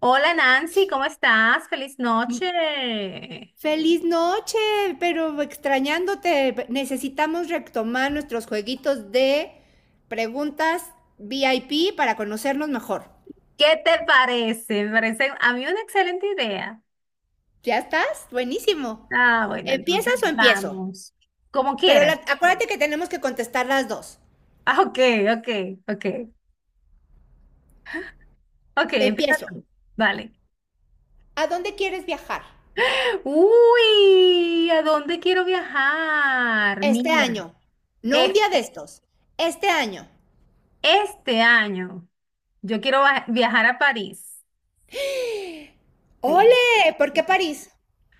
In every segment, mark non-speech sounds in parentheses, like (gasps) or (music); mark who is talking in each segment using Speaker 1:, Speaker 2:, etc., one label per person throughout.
Speaker 1: Hola Nancy, ¿cómo estás? Feliz
Speaker 2: Mm,
Speaker 1: noche.
Speaker 2: Feliz noche, pero extrañándote. Necesitamos retomar nuestros jueguitos de preguntas VIP para conocernos mejor.
Speaker 1: ¿Qué te parece? Me parece a mí una excelente idea.
Speaker 2: ¿Ya estás? Buenísimo.
Speaker 1: Ah, bueno, entonces
Speaker 2: ¿Empiezas o empiezo?
Speaker 1: vamos. Como
Speaker 2: Pero
Speaker 1: quieras.
Speaker 2: acuérdate que tenemos que contestar las dos.
Speaker 1: Ah, ok, ok, ok. Ok, empieza
Speaker 2: Empiezo.
Speaker 1: tú. Vale.
Speaker 2: ¿A dónde quieres viajar?
Speaker 1: Uy, ¿a dónde quiero viajar?
Speaker 2: Este
Speaker 1: Mira,
Speaker 2: año. No un día de
Speaker 1: este,
Speaker 2: estos. Este año.
Speaker 1: este año yo quiero viajar a París. Sí.
Speaker 2: ¡Ole! ¿Por qué París?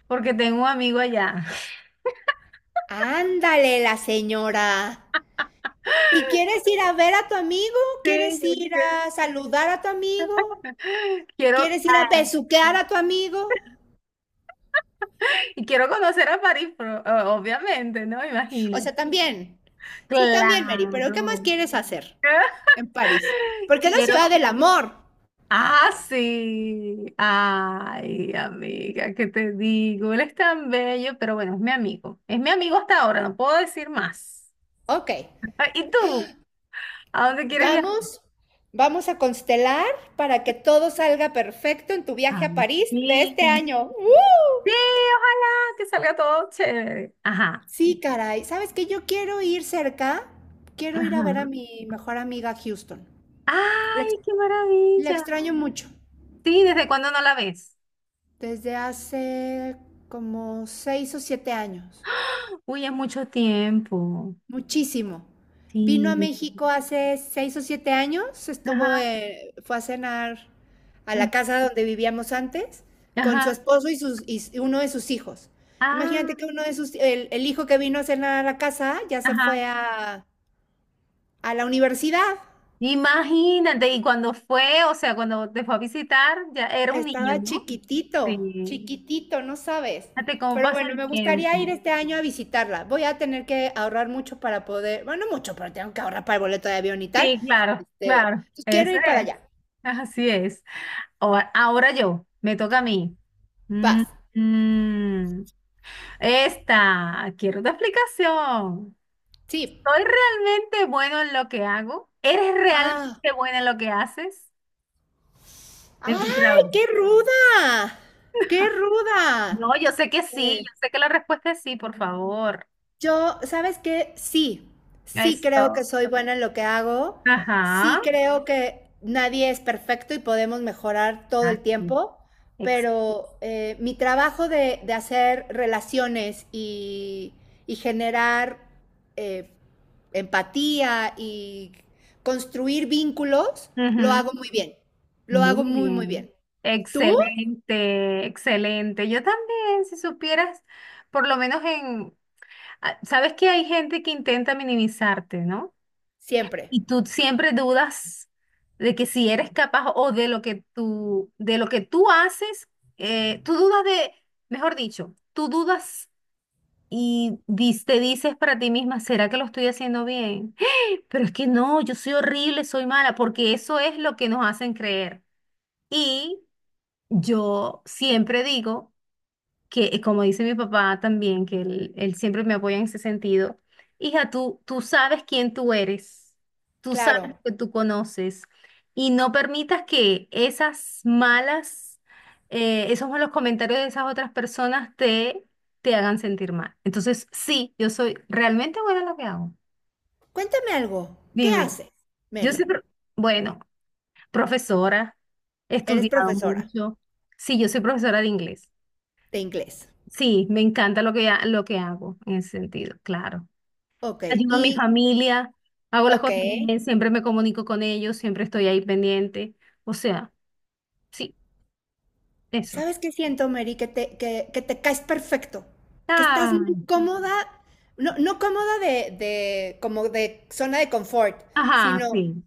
Speaker 1: Porque tengo un amigo allá. (laughs)
Speaker 2: Ándale, la señora. ¿Y quieres ir a ver a tu amigo?
Speaker 1: Sí,
Speaker 2: ¿Quieres
Speaker 1: yo
Speaker 2: ir
Speaker 1: quiero.
Speaker 2: a saludar a tu amigo?
Speaker 1: Quiero.
Speaker 2: ¿Quieres ir a besuquear a tu amigo?
Speaker 1: Y quiero conocer a París, pero, obviamente, ¿no? Imagina.
Speaker 2: O sea, también. Sí, también, Mary, pero ¿qué más
Speaker 1: Claro.
Speaker 2: quieres hacer en París?
Speaker 1: (laughs)
Speaker 2: Porque es la
Speaker 1: Quiero.
Speaker 2: ciudad del amor.
Speaker 1: Ah, sí. Ay, amiga, ¿qué te digo? Él es tan bello, pero bueno, es mi amigo. Es mi amigo hasta ahora, no puedo decir más.
Speaker 2: Ok,
Speaker 1: (laughs) ¿Y tú? ¿A dónde quieres viajar?
Speaker 2: vamos, vamos a constelar para que todo salga perfecto en tu viaje a
Speaker 1: Ay,
Speaker 2: París de
Speaker 1: sí.
Speaker 2: este año. ¡Uh!
Speaker 1: Sí, ojalá que salga todo chévere. Ajá.
Speaker 2: Sí, caray. ¿Sabes qué? Yo quiero ir cerca. Quiero ir a ver a
Speaker 1: Ajá.
Speaker 2: mi mejor amiga a Houston. La ex-
Speaker 1: Ay, qué
Speaker 2: la
Speaker 1: maravilla.
Speaker 2: extraño mucho.
Speaker 1: Sí, ¿desde cuándo no la ves?
Speaker 2: Desde hace como seis o siete años,
Speaker 1: Uy, es mucho tiempo.
Speaker 2: muchísimo. Vino a
Speaker 1: Sí.
Speaker 2: México hace seis o siete años, estuvo,
Speaker 1: Ajá.
Speaker 2: fue a cenar a la
Speaker 1: Ujú,
Speaker 2: casa donde vivíamos antes con su
Speaker 1: ajá.
Speaker 2: esposo y uno de sus hijos.
Speaker 1: Ah,
Speaker 2: Imagínate que uno de sus, el hijo que vino a cenar a la casa ya se
Speaker 1: ajá.
Speaker 2: fue a la universidad.
Speaker 1: Imagínate, y cuando fue, o sea, cuando te fue a visitar, ya era un niño,
Speaker 2: Estaba
Speaker 1: ¿no?
Speaker 2: chiquitito,
Speaker 1: Sí.
Speaker 2: chiquitito, no sabes.
Speaker 1: Fíjate cómo
Speaker 2: Pero
Speaker 1: pasa
Speaker 2: bueno,
Speaker 1: el
Speaker 2: me gustaría ir
Speaker 1: tiempo.
Speaker 2: este año a visitarla. Voy a tener que ahorrar mucho para poder, bueno, no mucho, pero tengo que ahorrar para el boleto de avión y tal.
Speaker 1: Sí, claro,
Speaker 2: Este,
Speaker 1: claro.
Speaker 2: pues quiero
Speaker 1: Eso
Speaker 2: ir para
Speaker 1: es.
Speaker 2: allá.
Speaker 1: Así es. Ahora yo, me toca a mí. Mm,
Speaker 2: Paz.
Speaker 1: mm. Esta, quiero una explicación.
Speaker 2: Sí.
Speaker 1: ¿Soy realmente bueno en lo que hago? ¿Eres
Speaker 2: Ah.
Speaker 1: realmente buena en lo que haces? En tu
Speaker 2: ¡Ay,
Speaker 1: trabajo.
Speaker 2: qué ruda! ¡Qué ruda!
Speaker 1: No, yo sé que sí,
Speaker 2: Eh,
Speaker 1: yo sé que la respuesta es sí, por favor.
Speaker 2: Yo, ¿sabes qué? Sí, sí creo que
Speaker 1: Eso.
Speaker 2: soy buena en lo que hago,
Speaker 1: Ajá.
Speaker 2: sí creo que nadie es perfecto y podemos mejorar todo el
Speaker 1: Así.
Speaker 2: tiempo,
Speaker 1: Ex-
Speaker 2: pero mi trabajo de hacer relaciones y generar eh, empatía y construir vínculos, lo
Speaker 1: Ujú.
Speaker 2: hago muy bien, lo hago
Speaker 1: Muy
Speaker 2: muy, muy
Speaker 1: bien.
Speaker 2: bien. ¿Tú?
Speaker 1: Excelente, excelente. Yo también, si supieras, por lo menos en, ah, sabes que hay gente que intenta minimizarte, ¿no?
Speaker 2: Siempre,
Speaker 1: Y tú siempre dudas de que si eres capaz o de lo que tú haces, eh, tú dudas de, mejor dicho, tú dudas y te dices para ti misma, ¿será que lo estoy haciendo bien? (gasps) (laughs) Pero es que no, yo soy horrible, soy mala, porque eso es lo que nos hacen creer. Y yo siempre digo que como dice mi papá también, que él siempre me apoya en ese sentido, hija, tú sabes quién tú eres, tú sabes
Speaker 2: claro.
Speaker 1: lo que tú conoces y no permitas que esos malos comentarios de esas otras personas te hagan sentir mal. Entonces, sí, yo soy realmente buena en lo que hago.
Speaker 2: Cuéntame algo, ¿qué
Speaker 1: Dime,
Speaker 2: haces,
Speaker 1: yo
Speaker 2: Mary?
Speaker 1: soy, pro- bueno, profesora, he
Speaker 2: Eres
Speaker 1: estudiado
Speaker 2: profesora.
Speaker 1: mucho, sí, yo soy profesora de inglés.
Speaker 2: De inglés.
Speaker 1: Sí, me encanta lo que lo que hago en ese sentido, claro.
Speaker 2: Ok,
Speaker 1: Ayudo a mi
Speaker 2: y,
Speaker 1: familia, hago las
Speaker 2: ok,
Speaker 1: cosas bien, siempre me comunico con ellos, siempre estoy ahí pendiente. O sea, sí, eso.
Speaker 2: ¿sabes qué siento, Mary? Que te caes perfecto, que estás
Speaker 1: Ah,
Speaker 2: muy cómoda, no, no cómoda de, como de zona de confort,
Speaker 1: ajá,
Speaker 2: sino
Speaker 1: sí.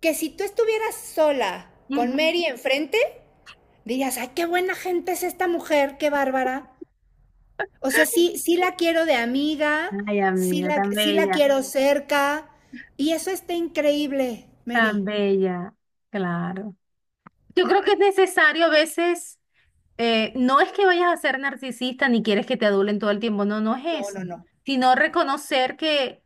Speaker 2: que si tú estuvieras sola con
Speaker 1: Ujú.
Speaker 2: Mary enfrente, dirías, ay, qué buena gente es esta mujer, qué bárbara. O sea, sí, sí la quiero de amiga,
Speaker 1: Ay,
Speaker 2: sí
Speaker 1: amiga,
Speaker 2: la, sí la quiero cerca, y eso está increíble,
Speaker 1: tan
Speaker 2: Mary.
Speaker 1: bella, claro. Yo creo que es necesario a veces, no es que vayas a ser narcisista ni quieres que te adulen todo el tiempo, no, no es
Speaker 2: No,
Speaker 1: eso,
Speaker 2: no, no.
Speaker 1: sino reconocer que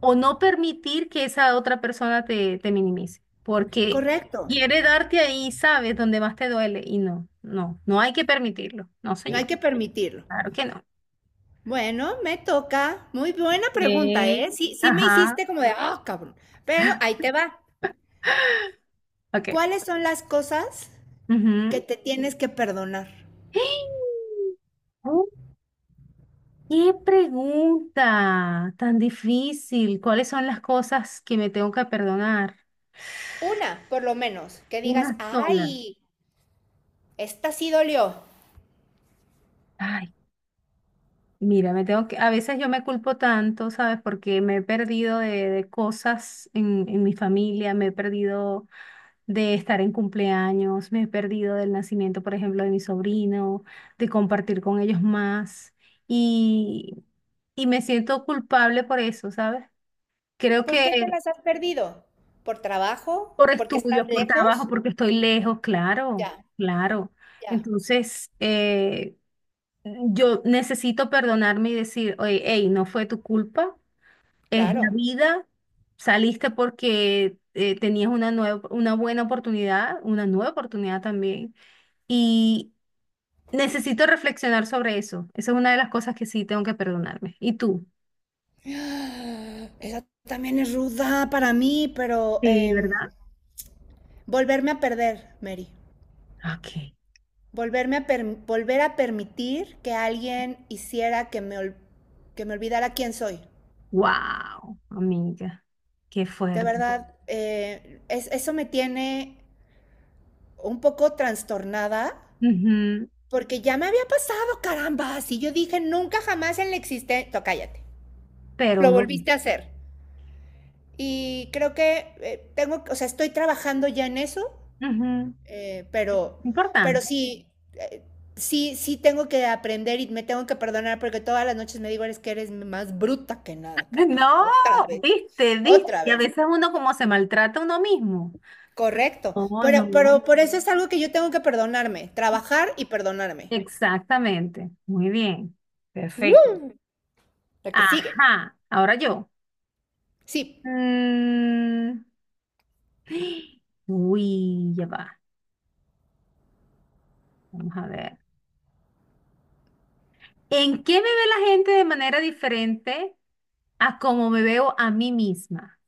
Speaker 1: o no permitir que esa otra persona te minimice, porque
Speaker 2: Correcto.
Speaker 1: quiere darte ahí, sabes, donde más te duele y no, no, no hay que permitirlo, no,
Speaker 2: No hay
Speaker 1: señor,
Speaker 2: que permitirlo.
Speaker 1: claro que no.
Speaker 2: Bueno, me toca. Muy buena
Speaker 1: Ok,
Speaker 2: pregunta, ¿eh? Sí, sí me
Speaker 1: ajá,
Speaker 2: hiciste como de, ah, cabrón. Pero ahí te va.
Speaker 1: ok.
Speaker 2: ¿Cuáles son las cosas que
Speaker 1: Ujú.
Speaker 2: te tienes que perdonar?
Speaker 1: (gasps) Oh, ¿qué pregunta tan difícil? ¿Cuáles son las cosas que me tengo que perdonar?
Speaker 2: Una, por lo menos, que digas,
Speaker 1: Una sola.
Speaker 2: ay, esta sí dolió.
Speaker 1: Ay, mira, me tengo que, a veces yo me culpo tanto, ¿sabes? Porque me he perdido de cosas en mi familia, me he perdido de estar en cumpleaños, me he perdido del nacimiento, por ejemplo, de mi sobrino, de compartir con ellos más y, y me siento culpable por eso, ¿sabes? Creo
Speaker 2: ¿Por qué te
Speaker 1: que
Speaker 2: las has perdido? ¿Por trabajo?
Speaker 1: por
Speaker 2: ¿Porque estás
Speaker 1: estudios, por trabajo,
Speaker 2: lejos?
Speaker 1: porque estoy lejos, claro,
Speaker 2: Ya,
Speaker 1: claro.
Speaker 2: ya,
Speaker 1: Entonces, yo necesito perdonarme y decir, oye, hey, no fue tu culpa. Es la
Speaker 2: claro.
Speaker 1: vida, saliste porque tenías una nueva, una buena oportunidad, una nueva oportunidad también. Y necesito reflexionar sobre eso. Esa es una de las cosas que sí tengo que perdonarme. ¿Y tú?
Speaker 2: (gasps) Esa también es ruda para mí, pero
Speaker 1: Sí, ¿verdad?
Speaker 2: volverme a perder, Mary.
Speaker 1: Ok.
Speaker 2: Volver a permitir que alguien hiciera que me olvidara quién soy.
Speaker 1: Wow, amiga, qué
Speaker 2: De
Speaker 1: fuerte.
Speaker 2: verdad, es eso me tiene un poco trastornada
Speaker 1: Ujú,
Speaker 2: porque ya me había pasado, caramba. Si yo dije nunca jamás en la existencia, cállate,
Speaker 1: pero
Speaker 2: lo
Speaker 1: bueno,
Speaker 2: volviste a hacer. Y creo que tengo, o sea, estoy trabajando ya en eso.
Speaker 1: ujú,
Speaker 2: Eh, pero, pero
Speaker 1: importante. (laughs)
Speaker 2: sí, eh, sí, sí tengo que aprender y me tengo que perdonar porque todas las noches me digo, eres que eres más bruta que nada,
Speaker 1: No,
Speaker 2: carajo. Otra vez,
Speaker 1: viste, viste.
Speaker 2: otra
Speaker 1: Y a
Speaker 2: vez.
Speaker 1: veces uno como se maltrata a uno mismo.
Speaker 2: Correcto.
Speaker 1: Oh, no.
Speaker 2: Pero por eso es algo que yo tengo que perdonarme, trabajar y perdonarme.
Speaker 1: Exactamente. Muy bien. Perfecto.
Speaker 2: Uh, lo que sigue.
Speaker 1: Ajá. Ahora yo.
Speaker 2: Sí.
Speaker 1: Mm, uy, ya va. Vamos a ver. ¿En qué me ve la gente de manera diferente a cómo me veo a mí misma?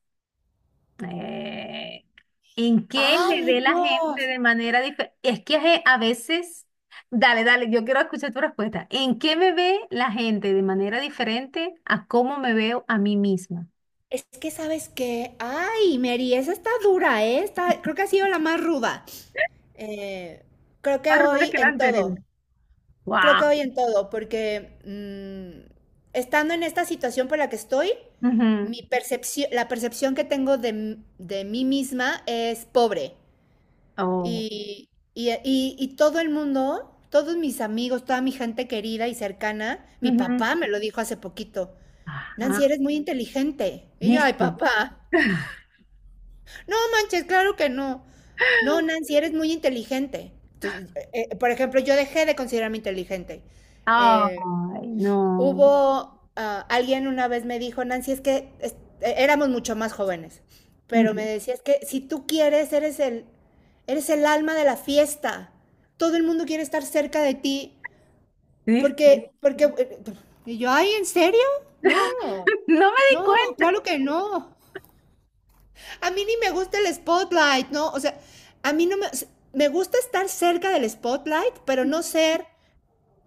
Speaker 1: Eh, ¿En qué me ve
Speaker 2: ¡Ay,
Speaker 1: la gente
Speaker 2: Dios!
Speaker 1: de manera diferente? Es que a veces, dale, dale, yo quiero escuchar tu respuesta. ¿En qué me ve la gente de manera diferente a cómo me veo a mí misma?
Speaker 2: Es que sabes que, ay, Mary, esa está dura, ¿eh? Creo que ha sido la más ruda. Eh, creo
Speaker 1: Más
Speaker 2: que
Speaker 1: ruda
Speaker 2: hoy
Speaker 1: que la
Speaker 2: en
Speaker 1: anterior.
Speaker 2: todo. Creo que
Speaker 1: Wow.
Speaker 2: hoy en todo, porque estando en esta situación por la que estoy,
Speaker 1: Ujú.
Speaker 2: mi percepción, la percepción que tengo de mí misma es pobre.
Speaker 1: Oh,
Speaker 2: Y todo el mundo, todos mis amigos, toda mi gente querida y cercana, mi
Speaker 1: ujú.
Speaker 2: papá me lo dijo hace poquito, Nancy,
Speaker 1: Ajá.
Speaker 2: eres muy inteligente. Y yo, ay,
Speaker 1: ¿Viste?
Speaker 2: papá, no manches, claro que no. No, Nancy, eres muy inteligente. Entonces, por ejemplo, yo dejé de considerarme inteligente. Eh,
Speaker 1: Ay, no.
Speaker 2: Hubo, alguien una vez me dijo, Nancy, es que es, e, éramos mucho más jóvenes, pero me
Speaker 1: Ok,
Speaker 2: decía, es que si tú quieres, eres el alma de la fiesta. Todo el mundo quiere estar cerca de ti,
Speaker 1: ¿viste?
Speaker 2: porque, porque, eh, y yo, ay, ¿en serio? No,
Speaker 1: (laughs) No me di
Speaker 2: no,
Speaker 1: cuenta.
Speaker 2: claro que no. A mí ni me gusta el spotlight, ¿no? O sea, a mí no me, me gusta estar cerca del spotlight, pero no ser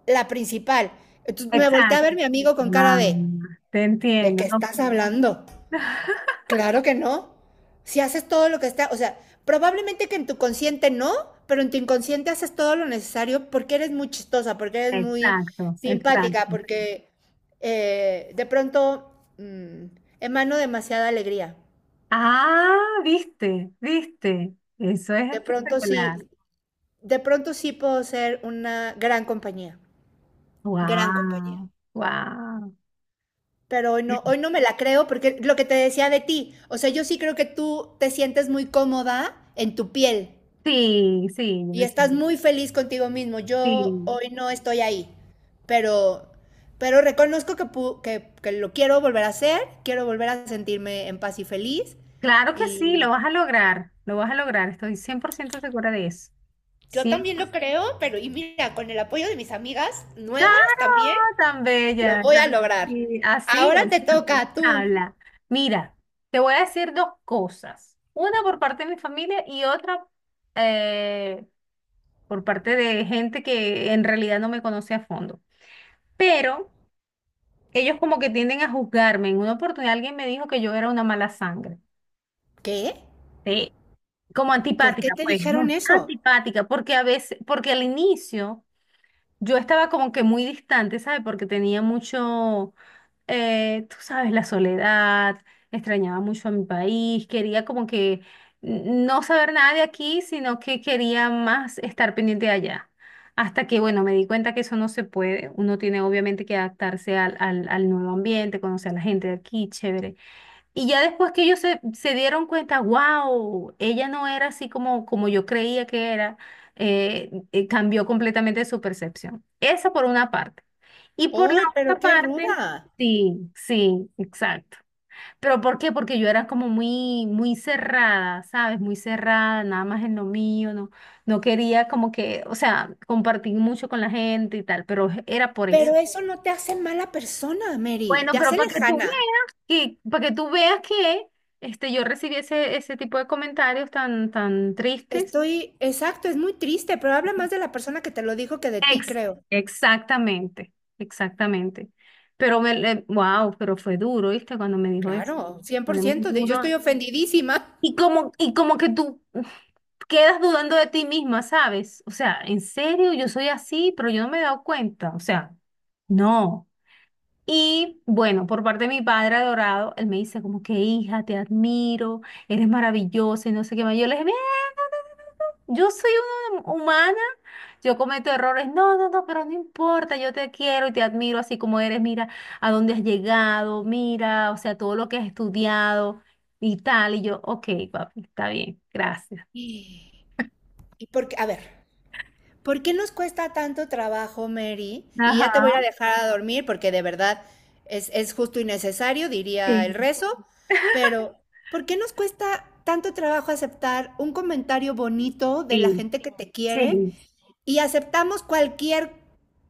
Speaker 2: la principal. Entonces me volteé a ver
Speaker 1: Exacto.
Speaker 2: a mi amigo con cara
Speaker 1: Ah,
Speaker 2: de,
Speaker 1: te
Speaker 2: ¿de
Speaker 1: entiendo.
Speaker 2: qué
Speaker 1: No.
Speaker 2: estás hablando?
Speaker 1: (laughs)
Speaker 2: Claro que no. Si haces todo lo que está, o sea, probablemente que en tu consciente no, pero en tu inconsciente haces todo lo necesario porque eres muy chistosa, porque eres muy
Speaker 1: Exacto,
Speaker 2: simpática,
Speaker 1: exacto.
Speaker 2: porque de pronto mmm, emano demasiada alegría.
Speaker 1: Ah, viste, viste. Eso es
Speaker 2: De pronto
Speaker 1: espectacular.
Speaker 2: sí, de pronto sí puedo ser una gran compañía, gran compañía.
Speaker 1: Wow, wow.
Speaker 2: Pero hoy no me la creo porque lo que te decía de ti, o sea, yo sí creo que tú te sientes muy cómoda en tu piel,
Speaker 1: Sí, sí, yo
Speaker 2: y
Speaker 1: me
Speaker 2: estás
Speaker 1: siento.
Speaker 2: muy feliz contigo mismo. Yo
Speaker 1: Sí,
Speaker 2: hoy no estoy ahí, pero, pero reconozco que lo quiero volver a hacer, quiero volver a sentirme en paz y feliz.
Speaker 1: claro que sí, lo
Speaker 2: Y
Speaker 1: vas a lograr, lo vas a lograr, estoy 100% segura de eso.
Speaker 2: yo también lo creo, pero y mira, con el apoyo de mis amigas
Speaker 1: Claro,
Speaker 2: nuevas también.
Speaker 1: tan
Speaker 2: Lo
Speaker 1: bella,
Speaker 2: voy a
Speaker 1: claro que
Speaker 2: lograr.
Speaker 1: sí, así
Speaker 2: Ahora
Speaker 1: es.
Speaker 2: te toca a tú.
Speaker 1: Habla. Mira, te voy a decir dos cosas. Una por parte de mi familia y otra eh, por parte de gente que en realidad no me conoce a fondo. Pero ellos como que tienden a juzgarme. En una oportunidad alguien me dijo que yo era una mala sangre.
Speaker 2: ¿Qué?
Speaker 1: Sí. Como
Speaker 2: ¿Por qué
Speaker 1: antipática,
Speaker 2: te
Speaker 1: pues. No,
Speaker 2: dijeron eso?
Speaker 1: antipática, porque a veces, porque al inicio yo estaba como que muy distante, ¿sabes? Porque tenía mucho tú sabes, la soledad, extrañaba mucho a mi país, quería como que no saber nada de aquí, sino que quería más estar pendiente de allá. Hasta que, bueno, me di cuenta que eso no se puede. Uno tiene obviamente que adaptarse al nuevo ambiente, conocer a la gente de aquí, chévere. Y ya después que se dieron cuenta, wow, ella no era así como, como yo creía que era, cambió completamente su percepción. Esa por una parte. Y por la
Speaker 2: ¡Ay, pero
Speaker 1: otra
Speaker 2: qué
Speaker 1: parte,
Speaker 2: ruda!
Speaker 1: sí, sí, exacto. Pero ¿por qué? Porque yo era como muy, muy cerrada, ¿sabes? Muy cerrada, nada más en lo mío, no, no quería como que, o sea, compartir mucho con la gente y tal, pero era por eso.
Speaker 2: Pero eso no te hace mala persona, Mary.
Speaker 1: Bueno,
Speaker 2: Te
Speaker 1: pero
Speaker 2: hace
Speaker 1: para que tú
Speaker 2: lejana.
Speaker 1: veas que, para que tú veas que este, yo recibí ese tipo de comentarios tan, tan tristes.
Speaker 2: Estoy exacto, es muy triste, pero habla más de la persona que te lo dijo que de ti,
Speaker 1: Ex-
Speaker 2: creo.
Speaker 1: exactamente, exactamente. Pero me, wow, pero fue duro, ¿viste? Cuando me dijo eso.
Speaker 2: Claro,
Speaker 1: Fue muy
Speaker 2: 100%, yo
Speaker 1: duro.
Speaker 2: estoy ofendidísima.
Speaker 1: Y como que tú quedas dudando de ti misma, ¿sabes? O sea, ¿en serio yo soy así? Pero yo no me he dado cuenta. O sea, no. Y bueno, por parte de mi padre adorado, él me dice como que hija, te admiro, eres maravillosa y no sé qué más. Yo le dije, "Mira, no, no, no, no, yo soy una humana, yo cometo errores. No, no, no, pero no importa, yo te quiero y te admiro así como eres. Mira a dónde has llegado, mira, o sea, todo lo que has estudiado y tal. Y yo, ok, papi, está bien, gracias.
Speaker 2: Y y porque, a ver, ¿por qué nos cuesta tanto trabajo, Mary? Y
Speaker 1: Ajá,
Speaker 2: ya te voy a dejar a dormir porque de verdad es justo y necesario, diría
Speaker 1: sí,
Speaker 2: el rezo, pero ¿por qué nos cuesta tanto trabajo aceptar un comentario bonito de la
Speaker 1: sí,
Speaker 2: gente que te quiere
Speaker 1: sí.
Speaker 2: y aceptamos cualquier,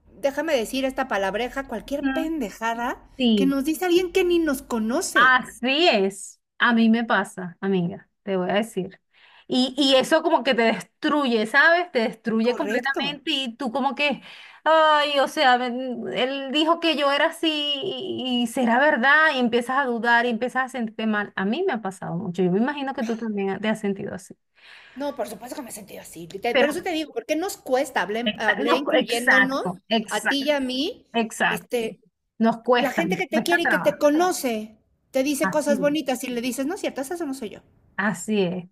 Speaker 2: déjame decir esta palabreja, cualquier
Speaker 1: Ujú,
Speaker 2: pendejada que
Speaker 1: sí.
Speaker 2: nos dice alguien que ni nos conoce.
Speaker 1: Así es. A mí me pasa, amiga, te voy a decir. Y eso como que te destruye, ¿sabes? Te destruye
Speaker 2: Correcto.
Speaker 1: completamente y tú como que, ay, o sea, ven, él dijo que yo era así y será verdad y empiezas a dudar y empiezas a sentirte mal. A mí me ha pasado mucho. Yo me imagino que tú también te has sentido así.
Speaker 2: No, por supuesto que me he sentido así. Por
Speaker 1: Pero,
Speaker 2: eso te digo, ¿por qué nos cuesta? Hablé, hablé
Speaker 1: no,
Speaker 2: incluyéndonos
Speaker 1: exacto,
Speaker 2: a ti y
Speaker 1: exacto,
Speaker 2: a mí.
Speaker 1: exacto.
Speaker 2: Este, la gente
Speaker 1: Nos
Speaker 2: que te
Speaker 1: cuesta
Speaker 2: quiere y que te
Speaker 1: trabajo.
Speaker 2: conoce te dice cosas
Speaker 1: Así,
Speaker 2: bonitas y le dices, no es cierto, esa no soy yo.
Speaker 1: así es,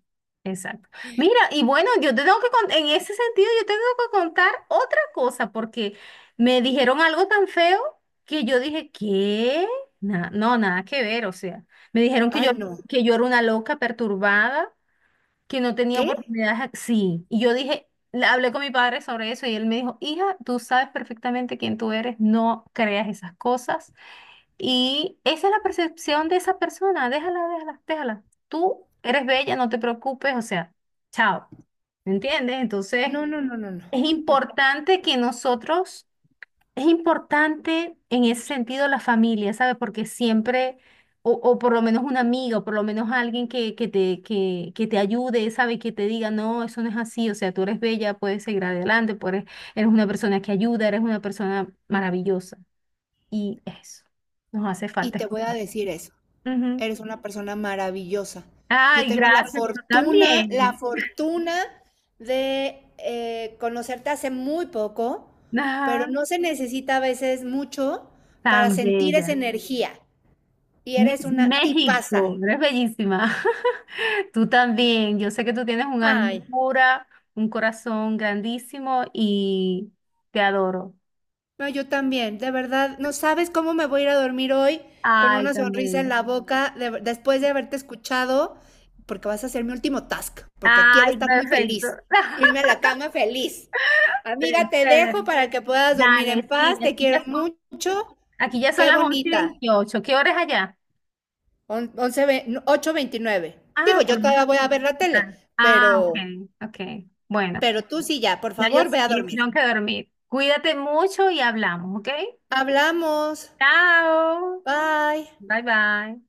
Speaker 1: exacto. Mira, y bueno, yo te tengo que contar, en ese sentido, yo te tengo que contar otra cosa, porque me dijeron algo tan feo que yo dije, ¿qué? No, nada que ver, o sea, me dijeron
Speaker 2: Ay, no.
Speaker 1: que yo era una loca perturbada, que no tenía
Speaker 2: ¿Qué?
Speaker 1: oportunidades, sí, y yo dije, le hablé con mi padre sobre eso y él me dijo, hija, tú sabes perfectamente quién tú eres, no creas esas cosas. Y esa es la percepción de esa persona. Déjala, déjala, déjala. Tú eres bella, no te preocupes, o sea, chao. ¿Me entiendes? Entonces,
Speaker 2: No, no, no, no, no.
Speaker 1: es
Speaker 2: No.
Speaker 1: importante que nosotros, es importante en ese sentido la familia, ¿sabes? Porque siempre, o por lo menos un amigo, o por lo menos alguien que te ayude, ¿sabes? Que te diga, no, eso no es así, o sea, tú eres bella, puedes seguir adelante, eres una persona que ayuda, eres una persona maravillosa. Y eso, nos hace
Speaker 2: Y
Speaker 1: falta
Speaker 2: te voy a
Speaker 1: escuchar.
Speaker 2: decir eso.
Speaker 1: Ujú.
Speaker 2: Eres una persona maravillosa. Yo
Speaker 1: Ay,
Speaker 2: tengo
Speaker 1: gracias, tú
Speaker 2: la
Speaker 1: también.
Speaker 2: fortuna de conocerte hace muy poco, pero
Speaker 1: Ajá,
Speaker 2: no se necesita a veces mucho para
Speaker 1: tan
Speaker 2: sentir esa
Speaker 1: bella.
Speaker 2: energía. Y eres
Speaker 1: Miss
Speaker 2: una tipaza.
Speaker 1: México, eres bellísima. (laughs) Tú también. Yo sé que tú tienes un alma
Speaker 2: Ay.
Speaker 1: pura, un corazón grandísimo y te adoro.
Speaker 2: No, yo también, de verdad, no sabes cómo me voy a ir a dormir hoy con
Speaker 1: Ay,
Speaker 2: una
Speaker 1: tan
Speaker 2: sonrisa en
Speaker 1: bella.
Speaker 2: la boca después de haberte escuchado, porque vas a ser mi último task, porque quiero
Speaker 1: Ay,
Speaker 2: estar muy
Speaker 1: perfecto.
Speaker 2: feliz, irme a
Speaker 1: (laughs)
Speaker 2: la cama feliz. Amiga, te
Speaker 1: Chévere.
Speaker 2: dejo para que puedas dormir en
Speaker 1: Dale, sí,
Speaker 2: paz, te quiero mucho,
Speaker 1: aquí ya son
Speaker 2: qué
Speaker 1: las 11 y
Speaker 2: bonita.
Speaker 1: 28. ¿Qué hora es allá?
Speaker 2: On- once ve- no, 8:29. Digo,
Speaker 1: Ah, por
Speaker 2: yo
Speaker 1: lo
Speaker 2: todavía
Speaker 1: menos.
Speaker 2: voy a ver la tele,
Speaker 1: Ah, ah, ok, ok. Bueno.
Speaker 2: pero tú sí ya, por
Speaker 1: Ya yo
Speaker 2: favor, ve a
Speaker 1: sí,
Speaker 2: dormir.
Speaker 1: tengo que dormir. Cuídate mucho y hablamos, ¿ok?
Speaker 2: Hablamos.
Speaker 1: Chao.
Speaker 2: Bye.
Speaker 1: Bye bye.